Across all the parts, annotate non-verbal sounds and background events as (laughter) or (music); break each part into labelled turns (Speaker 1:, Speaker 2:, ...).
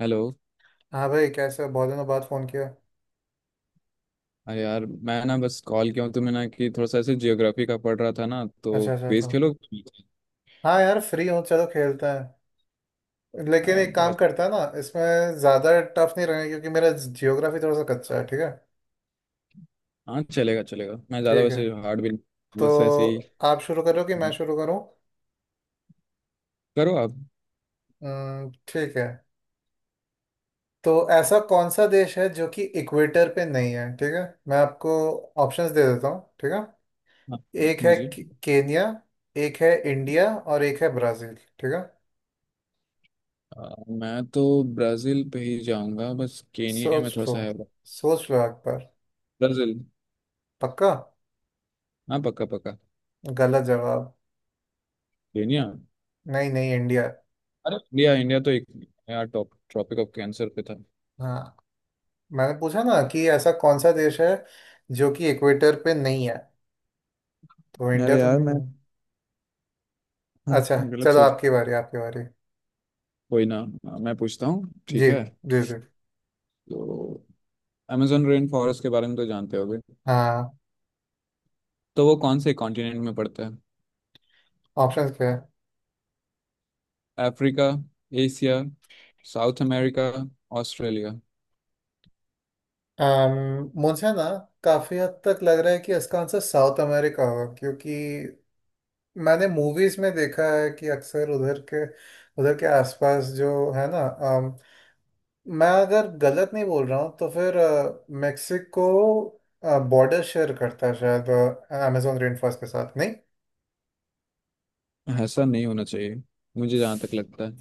Speaker 1: Hello.
Speaker 2: हाँ भाई, कैसे हो? बहुत दिनों बाद फोन किया।
Speaker 1: अरे यार, मैं ना बस कॉल किया हूँ तुम्हें ना कि थोड़ा सा ऐसे जियोग्राफी का पढ़ रहा था ना, तो
Speaker 2: अच्छा, अच्छा, अच्छा।
Speaker 1: क्विज खेलो।
Speaker 2: हाँ यार, फ्री हूँ, चलो खेलते हैं।
Speaker 1: हाँ
Speaker 2: लेकिन
Speaker 1: यार,
Speaker 2: एक काम
Speaker 1: बस-
Speaker 2: करता है ना, इसमें ज़्यादा टफ नहीं रहेगा क्योंकि मेरा जियोग्राफी थोड़ा सा कच्चा है, ठीक है।
Speaker 1: हाँ, चलेगा चलेगा, मैं ज़्यादा
Speaker 2: ठीक है,
Speaker 1: वैसे हार्ड भी नहीं,
Speaker 2: तो
Speaker 1: बस ऐसे ही।
Speaker 2: आप शुरू करो कि मैं शुरू करूँ?
Speaker 1: करो आप।
Speaker 2: ठीक है। तो ऐसा कौन सा देश है जो कि इक्वेटर पे नहीं है, ठीक है। मैं आपको ऑप्शंस दे देता हूँ, ठीक है।
Speaker 1: हाँ,
Speaker 2: एक है
Speaker 1: दीजिए।
Speaker 2: केन्या, एक है इंडिया और एक है ब्राज़ील, ठीक है।
Speaker 1: मैं तो ब्राज़ील पे ही जाऊंगा, बस केनिया में
Speaker 2: सोच
Speaker 1: थोड़ा
Speaker 2: लो,
Speaker 1: सा है।
Speaker 2: सोच लो एक बार।
Speaker 1: ब्राज़ील।
Speaker 2: पक्का?
Speaker 1: हाँ, पक्का पक्का।
Speaker 2: गलत जवाब।
Speaker 1: केनिया।
Speaker 2: नहीं, नहीं, इंडिया।
Speaker 1: अरे, इंडिया इंडिया तो एक, यार, टॉप ट्रॉपिक ऑफ कैंसर पे था।
Speaker 2: हाँ, मैंने पूछा ना कि ऐसा कौन सा देश है जो कि इक्वेटर पे नहीं है, तो इंडिया
Speaker 1: अरे
Speaker 2: तो
Speaker 1: यार,
Speaker 2: नहीं
Speaker 1: मैं।
Speaker 2: है।
Speaker 1: हाँ।
Speaker 2: अच्छा।
Speaker 1: गलत
Speaker 2: चलो,
Speaker 1: सोच।
Speaker 2: आपकी बारी, आपकी बारी।
Speaker 1: कोई ना। मैं पूछता हूँ, ठीक
Speaker 2: जी,
Speaker 1: है।
Speaker 2: जी, जी।
Speaker 1: तो amazon रेन फॉरेस्ट के बारे में तो जानते होगे।
Speaker 2: हाँ।
Speaker 1: तो वो कौन से कॉन्टिनेंट में पड़ता है?
Speaker 2: ऑप्शंस क्या है?
Speaker 1: Africa, Asia, South America, Australia.
Speaker 2: मुझे ना काफी हद तक लग रहा है कि इसका आंसर साउथ अमेरिका होगा, क्योंकि मैंने मूवीज में देखा है कि अक्सर उधर के आसपास जो है ना, मैं अगर गलत नहीं बोल रहा हूँ तो फिर मेक्सिको बॉर्डर शेयर करता है शायद अमेजोन रेन फॉरेस्ट के साथ, नहीं?
Speaker 1: ऐसा नहीं होना चाहिए, मुझे जहाँ तक लगता है।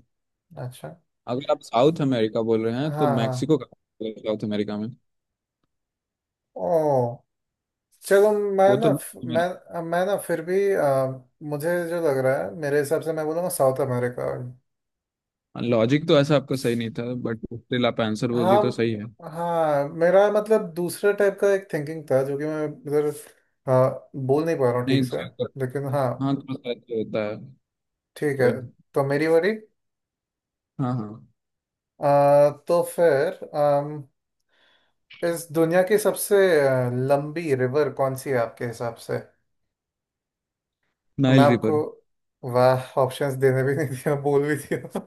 Speaker 2: अच्छा।
Speaker 1: अगर आप साउथ अमेरिका बोल रहे हैं, तो
Speaker 2: हाँ, हाँ।
Speaker 1: मैक्सिको का साउथ अमेरिका में,
Speaker 2: ओ, चलो। मैं
Speaker 1: वो
Speaker 2: ना,
Speaker 1: तो,
Speaker 2: मैं ना फिर भी मुझे जो लग रहा है, मेरे हिसाब से मैं बोलूँगा साउथ अमेरिका।
Speaker 1: लॉजिक तो ऐसा आपका सही नहीं था बट स्टिल आप आंसर बोल दिए तो सही है।
Speaker 2: हाँ, हाँ, मेरा मतलब दूसरे टाइप का एक थिंकिंग था जो कि मैं इधर बोल नहीं पा रहा हूँ ठीक
Speaker 1: नहीं।
Speaker 2: से। लेकिन हाँ।
Speaker 1: हाँ, थोड़ा सा ऐसे होता है।
Speaker 2: ठीक है।
Speaker 1: कोई नहीं।
Speaker 2: तो मेरी बारी।
Speaker 1: हाँ, हाँ।
Speaker 2: अ, तो फिर इस दुनिया की सबसे लंबी रिवर कौन सी है आपके हिसाब से? मैं
Speaker 1: नाइल
Speaker 2: आपको
Speaker 1: रिवर।
Speaker 2: वाह, ऑप्शंस देने भी नहीं दिया, बोल भी दिया।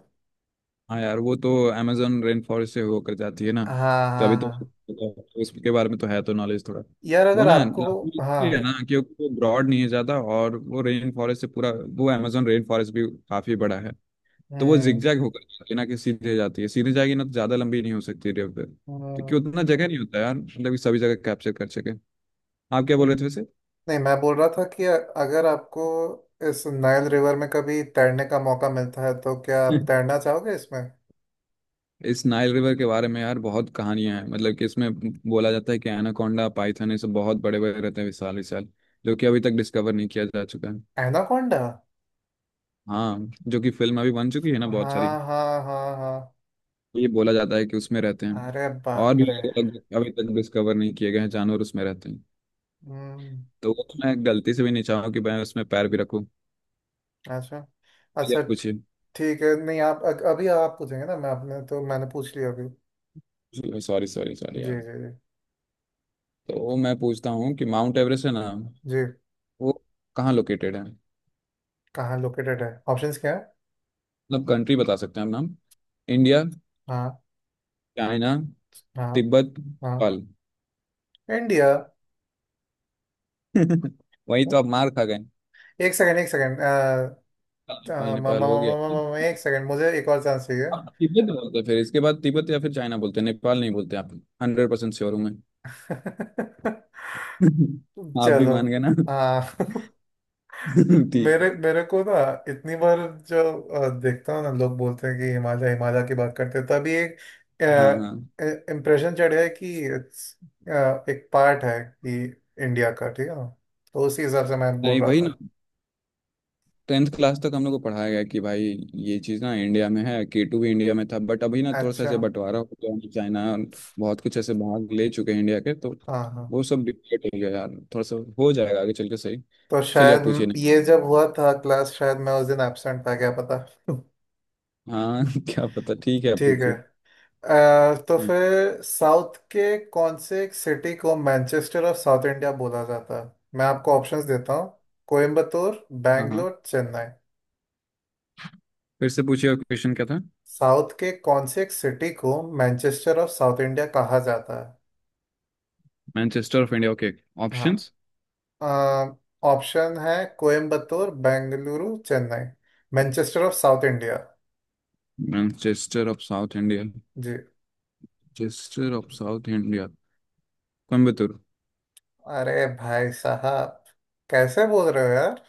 Speaker 1: हाँ यार, वो तो अमेजोन रेन फॉरेस्ट से होकर जाती है ना,
Speaker 2: हाँ, हाँ,
Speaker 1: तभी तो
Speaker 2: हाँ
Speaker 1: तो उसके बारे में तो है तो नॉलेज थोड़ा।
Speaker 2: यार,
Speaker 1: वो
Speaker 2: अगर
Speaker 1: ना
Speaker 2: आपको।
Speaker 1: लंबी
Speaker 2: हाँ।
Speaker 1: इसलिए है ना, क्योंकि वो ब्रॉड नहीं है ज़्यादा, और वो रेन फॉरेस्ट से पूरा, वो अमेजोन रेन फॉरेस्ट भी काफ़ी बड़ा है। तो वो
Speaker 2: हम्म,
Speaker 1: जिगजैग होकर जाती है ना कि सीधे जाती है, सीधे जाएगी ना तो ज़्यादा लंबी नहीं हो सकती रिवर, क्योंकि
Speaker 2: हम्म,
Speaker 1: उतना जगह नहीं होता यार, मतलब कि सभी जगह कैप्चर कर सके। आप क्या बोल रहे थे वैसे?
Speaker 2: नहीं, मैं बोल रहा था कि अगर आपको इस नाइल रिवर में कभी तैरने का मौका मिलता है तो क्या आप तैरना चाहोगे इसमें?
Speaker 1: इस नाइल रिवर के बारे में यार बहुत कहानियां हैं, मतलब कि इसमें बोला जाता है कि एनाकोंडा, पाइथन, ये सब बहुत बड़े बड़े रहते हैं, विशाल विशाल, जो कि अभी तक डिस्कवर नहीं किया जा चुका है।
Speaker 2: एनाकोंडा?
Speaker 1: हाँ, जो कि फिल्म अभी बन चुकी है ना बहुत सारी।
Speaker 2: हाँ, हाँ, हाँ, हाँ।
Speaker 1: ये बोला जाता है कि उसमें रहते हैं।
Speaker 2: अरे
Speaker 1: और
Speaker 2: बाप
Speaker 1: भी
Speaker 2: रे।
Speaker 1: अलग अलग अभी तक डिस्कवर नहीं किए गए हैं जानवर, उसमें रहते हैं।
Speaker 2: हम्म।
Speaker 1: तो वो तो मैं गलती से भी नहीं चाहूँ कि मैं उसमें पैर भी रखूँ।
Speaker 2: अच्छा,
Speaker 1: ये
Speaker 2: अच्छा।
Speaker 1: पूछिए।
Speaker 2: ठीक है, नहीं आप अभी आप पूछेंगे ना। मैं आपने तो मैंने पूछ लिया अभी।
Speaker 1: सॉरी, सॉरी, सॉरी
Speaker 2: जी,
Speaker 1: यार।
Speaker 2: जी, जी,
Speaker 1: तो मैं पूछता हूँ कि माउंट एवरेस्ट है ना,
Speaker 2: जी।
Speaker 1: वो कहाँ लोकेटेड है?
Speaker 2: कहाँ लोकेटेड है? ऑप्शंस क्या है?
Speaker 1: मतलब कंट्री बता सकते हैं हम, नाम। इंडिया,
Speaker 2: हाँ,
Speaker 1: चाइना,
Speaker 2: हाँ,
Speaker 1: तिब्बत,
Speaker 2: हाँ।
Speaker 1: नेपाल।
Speaker 2: इंडिया।
Speaker 1: (laughs) वही तो आप मार खा गए,
Speaker 2: एक सेकंड, एक सेकंड,
Speaker 1: नेपाल नेपाल हो गया।
Speaker 2: एक सेकंड, मुझे एक और चांस चाहिए।
Speaker 1: आप तिब्बत बोलते हैं, फिर इसके बाद तिब्बत या फिर चाइना बोलते हैं, नेपाल नहीं बोलते आप। 100% श्योर हूँ मैं।
Speaker 2: (laughs)
Speaker 1: (laughs) आप भी
Speaker 2: चलो।
Speaker 1: मान गए ना।
Speaker 2: हाँ। (laughs)
Speaker 1: (laughs) ठीक
Speaker 2: मेरे
Speaker 1: है।
Speaker 2: मेरे को ना इतनी बार जो देखता हूँ ना, लोग बोलते हैं कि हिमालय हिमालय की बात करते हैं तभी एक
Speaker 1: हाँ, हाँ।
Speaker 2: इम्प्रेशन चढ़ है कि it's, एक पार्ट है कि इंडिया का, ठीक है ना। तो उसी हिसाब से मैं बोल
Speaker 1: नहीं
Speaker 2: रहा
Speaker 1: भाई ना,
Speaker 2: था।
Speaker 1: 10th क्लास तक हम लोग को पढ़ाया गया कि भाई ये चीज़ ना इंडिया में है, K2 भी इंडिया में था, बट अभी ना थोड़ा सा
Speaker 2: अच्छा।
Speaker 1: ऐसे बंटवारा हो गया है, चाइना और बहुत कुछ ऐसे भाग ले चुके हैं इंडिया के, तो
Speaker 2: हाँ, हाँ।
Speaker 1: वो सब डिफिकल्ट हो गया यार, थोड़ा सा हो जाएगा आगे चल के सही।
Speaker 2: तो
Speaker 1: चलिए आप पूछिए।
Speaker 2: शायद ये जब हुआ था क्लास, शायद मैं उस दिन एब्सेंट था, क्या पता। (laughs)
Speaker 1: हाँ, (laughs) क्या पता, ठीक है आप
Speaker 2: ठीक है।
Speaker 1: पूछो।
Speaker 2: तो
Speaker 1: हम्म,
Speaker 2: फिर साउथ के कौन से एक सिटी को मैनचेस्टर ऑफ साउथ इंडिया बोला जाता है? मैं आपको ऑप्शंस देता हूँ। कोयम्बतूर,
Speaker 1: हाँ, हाँ।
Speaker 2: बैंगलोर, चेन्नई।
Speaker 1: फिर से पूछिए, और क्वेश्चन क्या था?
Speaker 2: साउथ के कौन से एक सिटी को मैनचेस्टर ऑफ साउथ इंडिया कहा जाता है?
Speaker 1: Manchester of India, okay. Options.
Speaker 2: हाँ। ऑप्शन है Coimbatore, Bengaluru, Chennai. Manchester of South India.
Speaker 1: Manchester of South India.
Speaker 2: जी।
Speaker 1: Manchester of South India. Coimbatore.
Speaker 2: अरे भाई साहब, कैसे बोल रहे हो यार?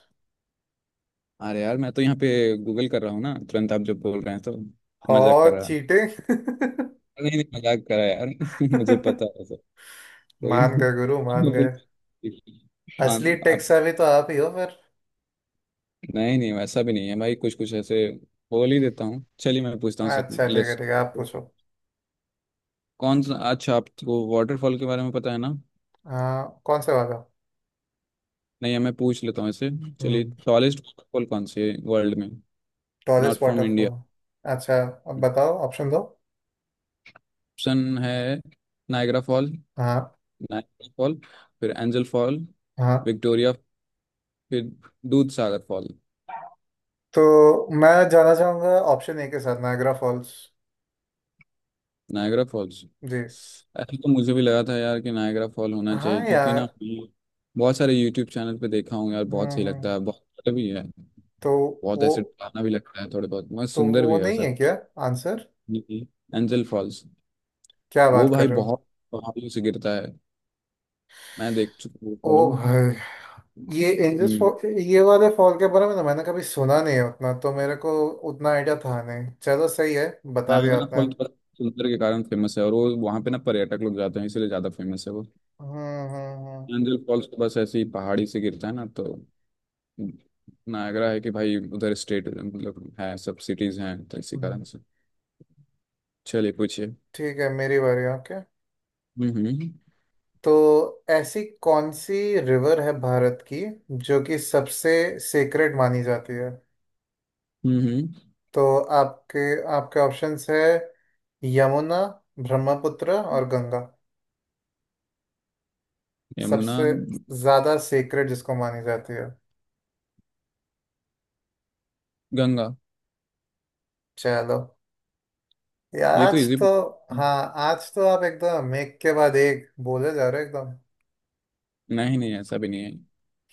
Speaker 1: अरे यार, मैं तो यहाँ पे गूगल कर रहा हूँ ना तुरंत, आप जब बोल रहे हैं तो।
Speaker 2: हो
Speaker 1: मजाक कर रहा।
Speaker 2: चीटिंग।
Speaker 1: नहीं नहीं मजाक करा यार, (laughs) मुझे पता है
Speaker 2: (laughs)
Speaker 1: सर। कोई
Speaker 2: मान
Speaker 1: नहीं।
Speaker 2: गए गुरु,
Speaker 1: (laughs) आप
Speaker 2: मान गए।
Speaker 1: लोग- मान
Speaker 2: असली टेक्सा
Speaker 1: आप।
Speaker 2: भी तो आप ही हो फिर।
Speaker 1: नहीं नहीं, वैसा भी नहीं है भाई, कुछ कुछ ऐसे बोल ही देता हूँ। चलिए मैं पूछता हूँ
Speaker 2: अच्छा,
Speaker 1: सेकंड
Speaker 2: ठीक है,
Speaker 1: लिस्ट।
Speaker 2: ठीक है, आप पूछो।
Speaker 1: कौन सा, अच्छा आपको वाटरफॉल के बारे में पता है ना।
Speaker 2: हाँ, कौन से वाला?
Speaker 1: नहीं मैं पूछ लेता हूँ इसे। चलिए,
Speaker 2: हम्म
Speaker 1: टॉलेस्ट वाटरफॉल कौन से वर्ल्ड में? Not
Speaker 2: tallest
Speaker 1: from India.
Speaker 2: Waterfall. अच्छा, अब बताओ, ऑप्शन दो।
Speaker 1: ऑप्शन है, नायग्रा फॉल।
Speaker 2: हाँ,
Speaker 1: नायग्रा फॉल। फिर एंजल फॉल।
Speaker 2: हाँ।
Speaker 1: विक्टोरिया। फिर दूध सागर फॉल।
Speaker 2: तो मैं जाना चाहूंगा ऑप्शन ए के साथ, नायग्रा फॉल्स।
Speaker 1: Niagara falls.
Speaker 2: जी।
Speaker 1: ऐसा तो मुझे भी लगा था यार कि नायग्रा फॉल होना चाहिए,
Speaker 2: हाँ
Speaker 1: क्योंकि ना
Speaker 2: यार।
Speaker 1: बहुत सारे यूट्यूब चैनल पे देखा हूँ यार, बहुत
Speaker 2: हम्म,
Speaker 1: सही लगता है,
Speaker 2: हम्म।
Speaker 1: बहुत अच्छा भी है।
Speaker 2: तो
Speaker 1: बहुत
Speaker 2: वो,
Speaker 1: ऐसे डरावना भी लगता है, थोड़े बहुत, बहुत
Speaker 2: तो
Speaker 1: सुंदर
Speaker 2: वो
Speaker 1: भी है,
Speaker 2: नहीं
Speaker 1: वैसा
Speaker 2: है क्या
Speaker 1: कुछ।
Speaker 2: आंसर?
Speaker 1: Angel falls.
Speaker 2: क्या
Speaker 1: वो
Speaker 2: बात कर
Speaker 1: भाई
Speaker 2: रहे हो!
Speaker 1: बहुत पहाड़ियों से गिरता है। मैं देख चुका हूँ
Speaker 2: ओ
Speaker 1: उसका भी।
Speaker 2: भाई, ये इंडस
Speaker 1: हम्म।
Speaker 2: फॉल, ये वाले फॉल के बारे में ना मैंने कभी सुना नहीं है उतना। तो मेरे को उतना आइडिया था नहीं, चलो सही है, बता दिया
Speaker 1: नारायणा
Speaker 2: आपने।
Speaker 1: फॉल तो बस सुंदर के कारण फेमस है, और वो वहाँ पे ना पर्यटक लोग जाते हैं, इसलिए ज्यादा फेमस है वो।
Speaker 2: हम्म। हम्म।
Speaker 1: एंजल फॉल्स तो बस ऐसे ही पहाड़ी से गिरता है ना, तो नायगरा है कि भाई उधर स्टेट मतलब है, सब सिटीज हैं, तो इसी कारण
Speaker 2: हम्म।
Speaker 1: से। चलिए पूछिए।
Speaker 2: ठीक है, मेरी बारी, ओके।
Speaker 1: हम्म। हम्म।
Speaker 2: तो ऐसी कौन सी रिवर है भारत की जो कि सबसे सेक्रेड मानी जाती है?
Speaker 1: हम्म। हम्म।
Speaker 2: तो आपके आपके ऑप्शंस है यमुना, ब्रह्मपुत्र और गंगा।
Speaker 1: यमुना।
Speaker 2: सबसे ज्यादा सेक्रेड जिसको मानी जाती है?
Speaker 1: गंगा।
Speaker 2: चलो, ये
Speaker 1: ये तो
Speaker 2: आज
Speaker 1: इजी।
Speaker 2: तो। हाँ, आज तो आप एकदम एक के बाद एक बोले जा रहे हो, एकदम।
Speaker 1: नहीं नहीं, ऐसा भी नहीं है।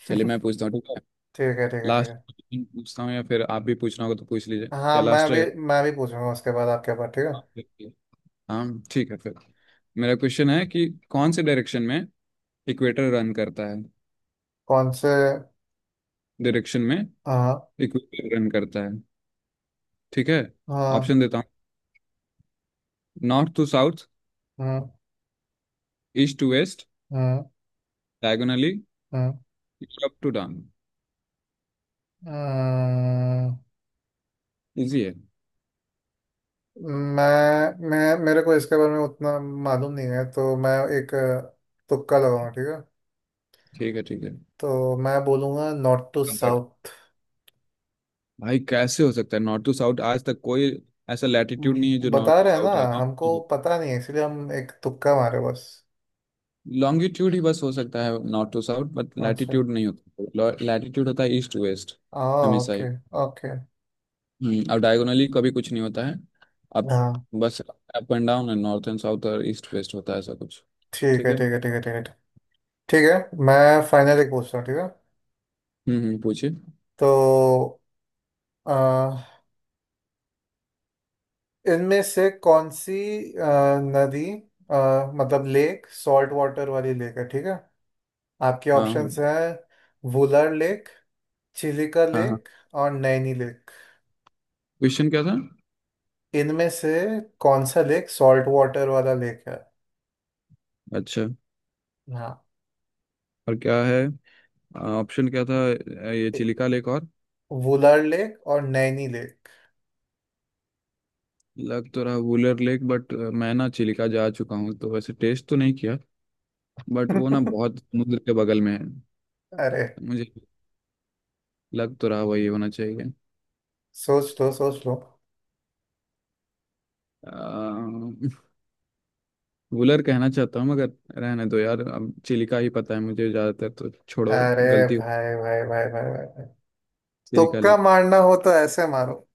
Speaker 1: चलिए मैं पूछता हूँ, ठीक है।
Speaker 2: ठीक है, ठीक है, ठीक
Speaker 1: लास्ट
Speaker 2: है।
Speaker 1: पूछता हूँ, या फिर आप भी पूछना होगा तो पूछ लीजिए, क्या
Speaker 2: हाँ, मैं
Speaker 1: लास्ट है?
Speaker 2: भी मैं भी पूछूंगा उसके बाद, आपके पास, ठीक है।
Speaker 1: हाँ। ठीक है फिर, मेरा क्वेश्चन है कि कौन से डायरेक्शन में इक्वेटर रन करता है?
Speaker 2: कौन से।
Speaker 1: डायरेक्शन में
Speaker 2: आ,
Speaker 1: इक्वेटर रन करता है, ठीक है।
Speaker 2: आ।
Speaker 1: ऑप्शन देता हूँ। North to south.
Speaker 2: Hmm,
Speaker 1: east to west.
Speaker 2: Hmm,
Speaker 1: diagonally.
Speaker 2: Hmm,
Speaker 1: up to down.
Speaker 2: Hmm.
Speaker 1: Easy है।
Speaker 2: मैं मेरे को इसके बारे में उतना मालूम नहीं है, तो मैं एक तुक्का लगाऊंगा, ठीक है।
Speaker 1: ठीक है, ठीक है।
Speaker 2: तो मैं बोलूँगा नॉर्थ टू
Speaker 1: बट
Speaker 2: साउथ।
Speaker 1: भाई कैसे हो सकता है नॉर्थ टू साउथ? आज तक कोई ऐसा लैटिट्यूड नहीं है जो नॉर्थ
Speaker 2: बता
Speaker 1: टू
Speaker 2: रहे हैं ना,
Speaker 1: साउथ है।
Speaker 2: हमको पता नहीं है इसलिए हम एक तुक्का मारे बस।
Speaker 1: लॉन्गिट्यूड ही बस हो सकता है नॉर्थ टू साउथ, बट
Speaker 2: अच्छा।
Speaker 1: लैटिट्यूड नहीं होता, लैटिट्यूड होता है ईस्ट टू वेस्ट,
Speaker 2: आ।
Speaker 1: हमेशा ही।
Speaker 2: Okay, okay.
Speaker 1: अब डायगोनली कभी कुछ नहीं होता है। अब
Speaker 2: हाँ।
Speaker 1: बस अप एंड डाउन है, नॉर्थ एंड साउथ और ईस्ट वेस्ट होता है, ऐसा कुछ।
Speaker 2: ठीक
Speaker 1: ठीक
Speaker 2: है,
Speaker 1: है।
Speaker 2: ठीक है, ठीक है, ठीक है। ठीक है, मैं फाइनल एक पूछता हूँ, ठीक है।
Speaker 1: पूछिए।
Speaker 2: तो इनमें से कौन सी अ, नदी, मतलब लेक, सॉल्ट वाटर वाली लेक है, ठीक है। आपके
Speaker 1: हाँ,
Speaker 2: ऑप्शंस हैं वुलर लेक, चिलिका
Speaker 1: हाँ, हाँ।
Speaker 2: लेक और नैनी लेक।
Speaker 1: क्वेश्चन क्या था?
Speaker 2: इनमें से कौन सा लेक सॉल्ट वाटर वाला लेक है?
Speaker 1: अच्छा।
Speaker 2: हाँ।
Speaker 1: और क्या है? ऑप्शन क्या था? ये
Speaker 2: ए-
Speaker 1: चिलिका लेक और,
Speaker 2: वुलर लेक और नैनी लेक।
Speaker 1: लग तो रहा वुलर लेक, बट मैं ना चिलिका जा चुका हूँ तो वैसे टेस्ट तो नहीं किया, बट वो ना बहुत
Speaker 2: (laughs)
Speaker 1: समुद्र के बगल में है।
Speaker 2: अरे,
Speaker 1: मुझे लग तो रहा वही होना चाहिए।
Speaker 2: सोच लो, सोच लो।
Speaker 1: अ, वुलर कहना चाहता हूँ मगर रहने दो यार, अब चिलिका ही पता है मुझे ज्यादातर, तो छोड़ो।
Speaker 2: अरे
Speaker 1: गलती हो।
Speaker 2: भाई, भाई, भाई, भाई, भाई, भाई।
Speaker 1: चिलिका
Speaker 2: तुक्का
Speaker 1: लेके
Speaker 2: मारना हो तो ऐसे मारो।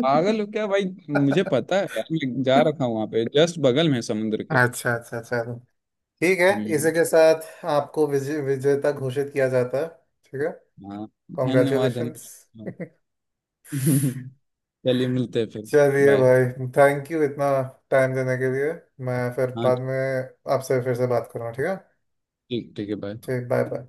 Speaker 2: (laughs)
Speaker 1: पागल हो क्या भाई? मुझे पता है यार, मैं जा रखा हूँ वहां पे, जस्ट बगल में है समुद्र के।
Speaker 2: अच्छा, अच्छा, चलो, ठीक है।
Speaker 1: हम्म।
Speaker 2: इसी के साथ आपको विजेता घोषित किया जाता है, ठीक है।
Speaker 1: हाँ, धन्यवाद
Speaker 2: कॉन्ग्रेचुलेशंस।
Speaker 1: धन्यवाद। (laughs) चलिए मिलते हैं फिर।
Speaker 2: चलिए
Speaker 1: बाय।
Speaker 2: भाई, थैंक यू इतना टाइम देने के लिए। मैं फिर
Speaker 1: हाँ।
Speaker 2: बाद में आपसे फिर से बात करूँगा, ठीक है।
Speaker 1: ठीक, ठीक है। बाय।
Speaker 2: ठीक, बाय, बाय।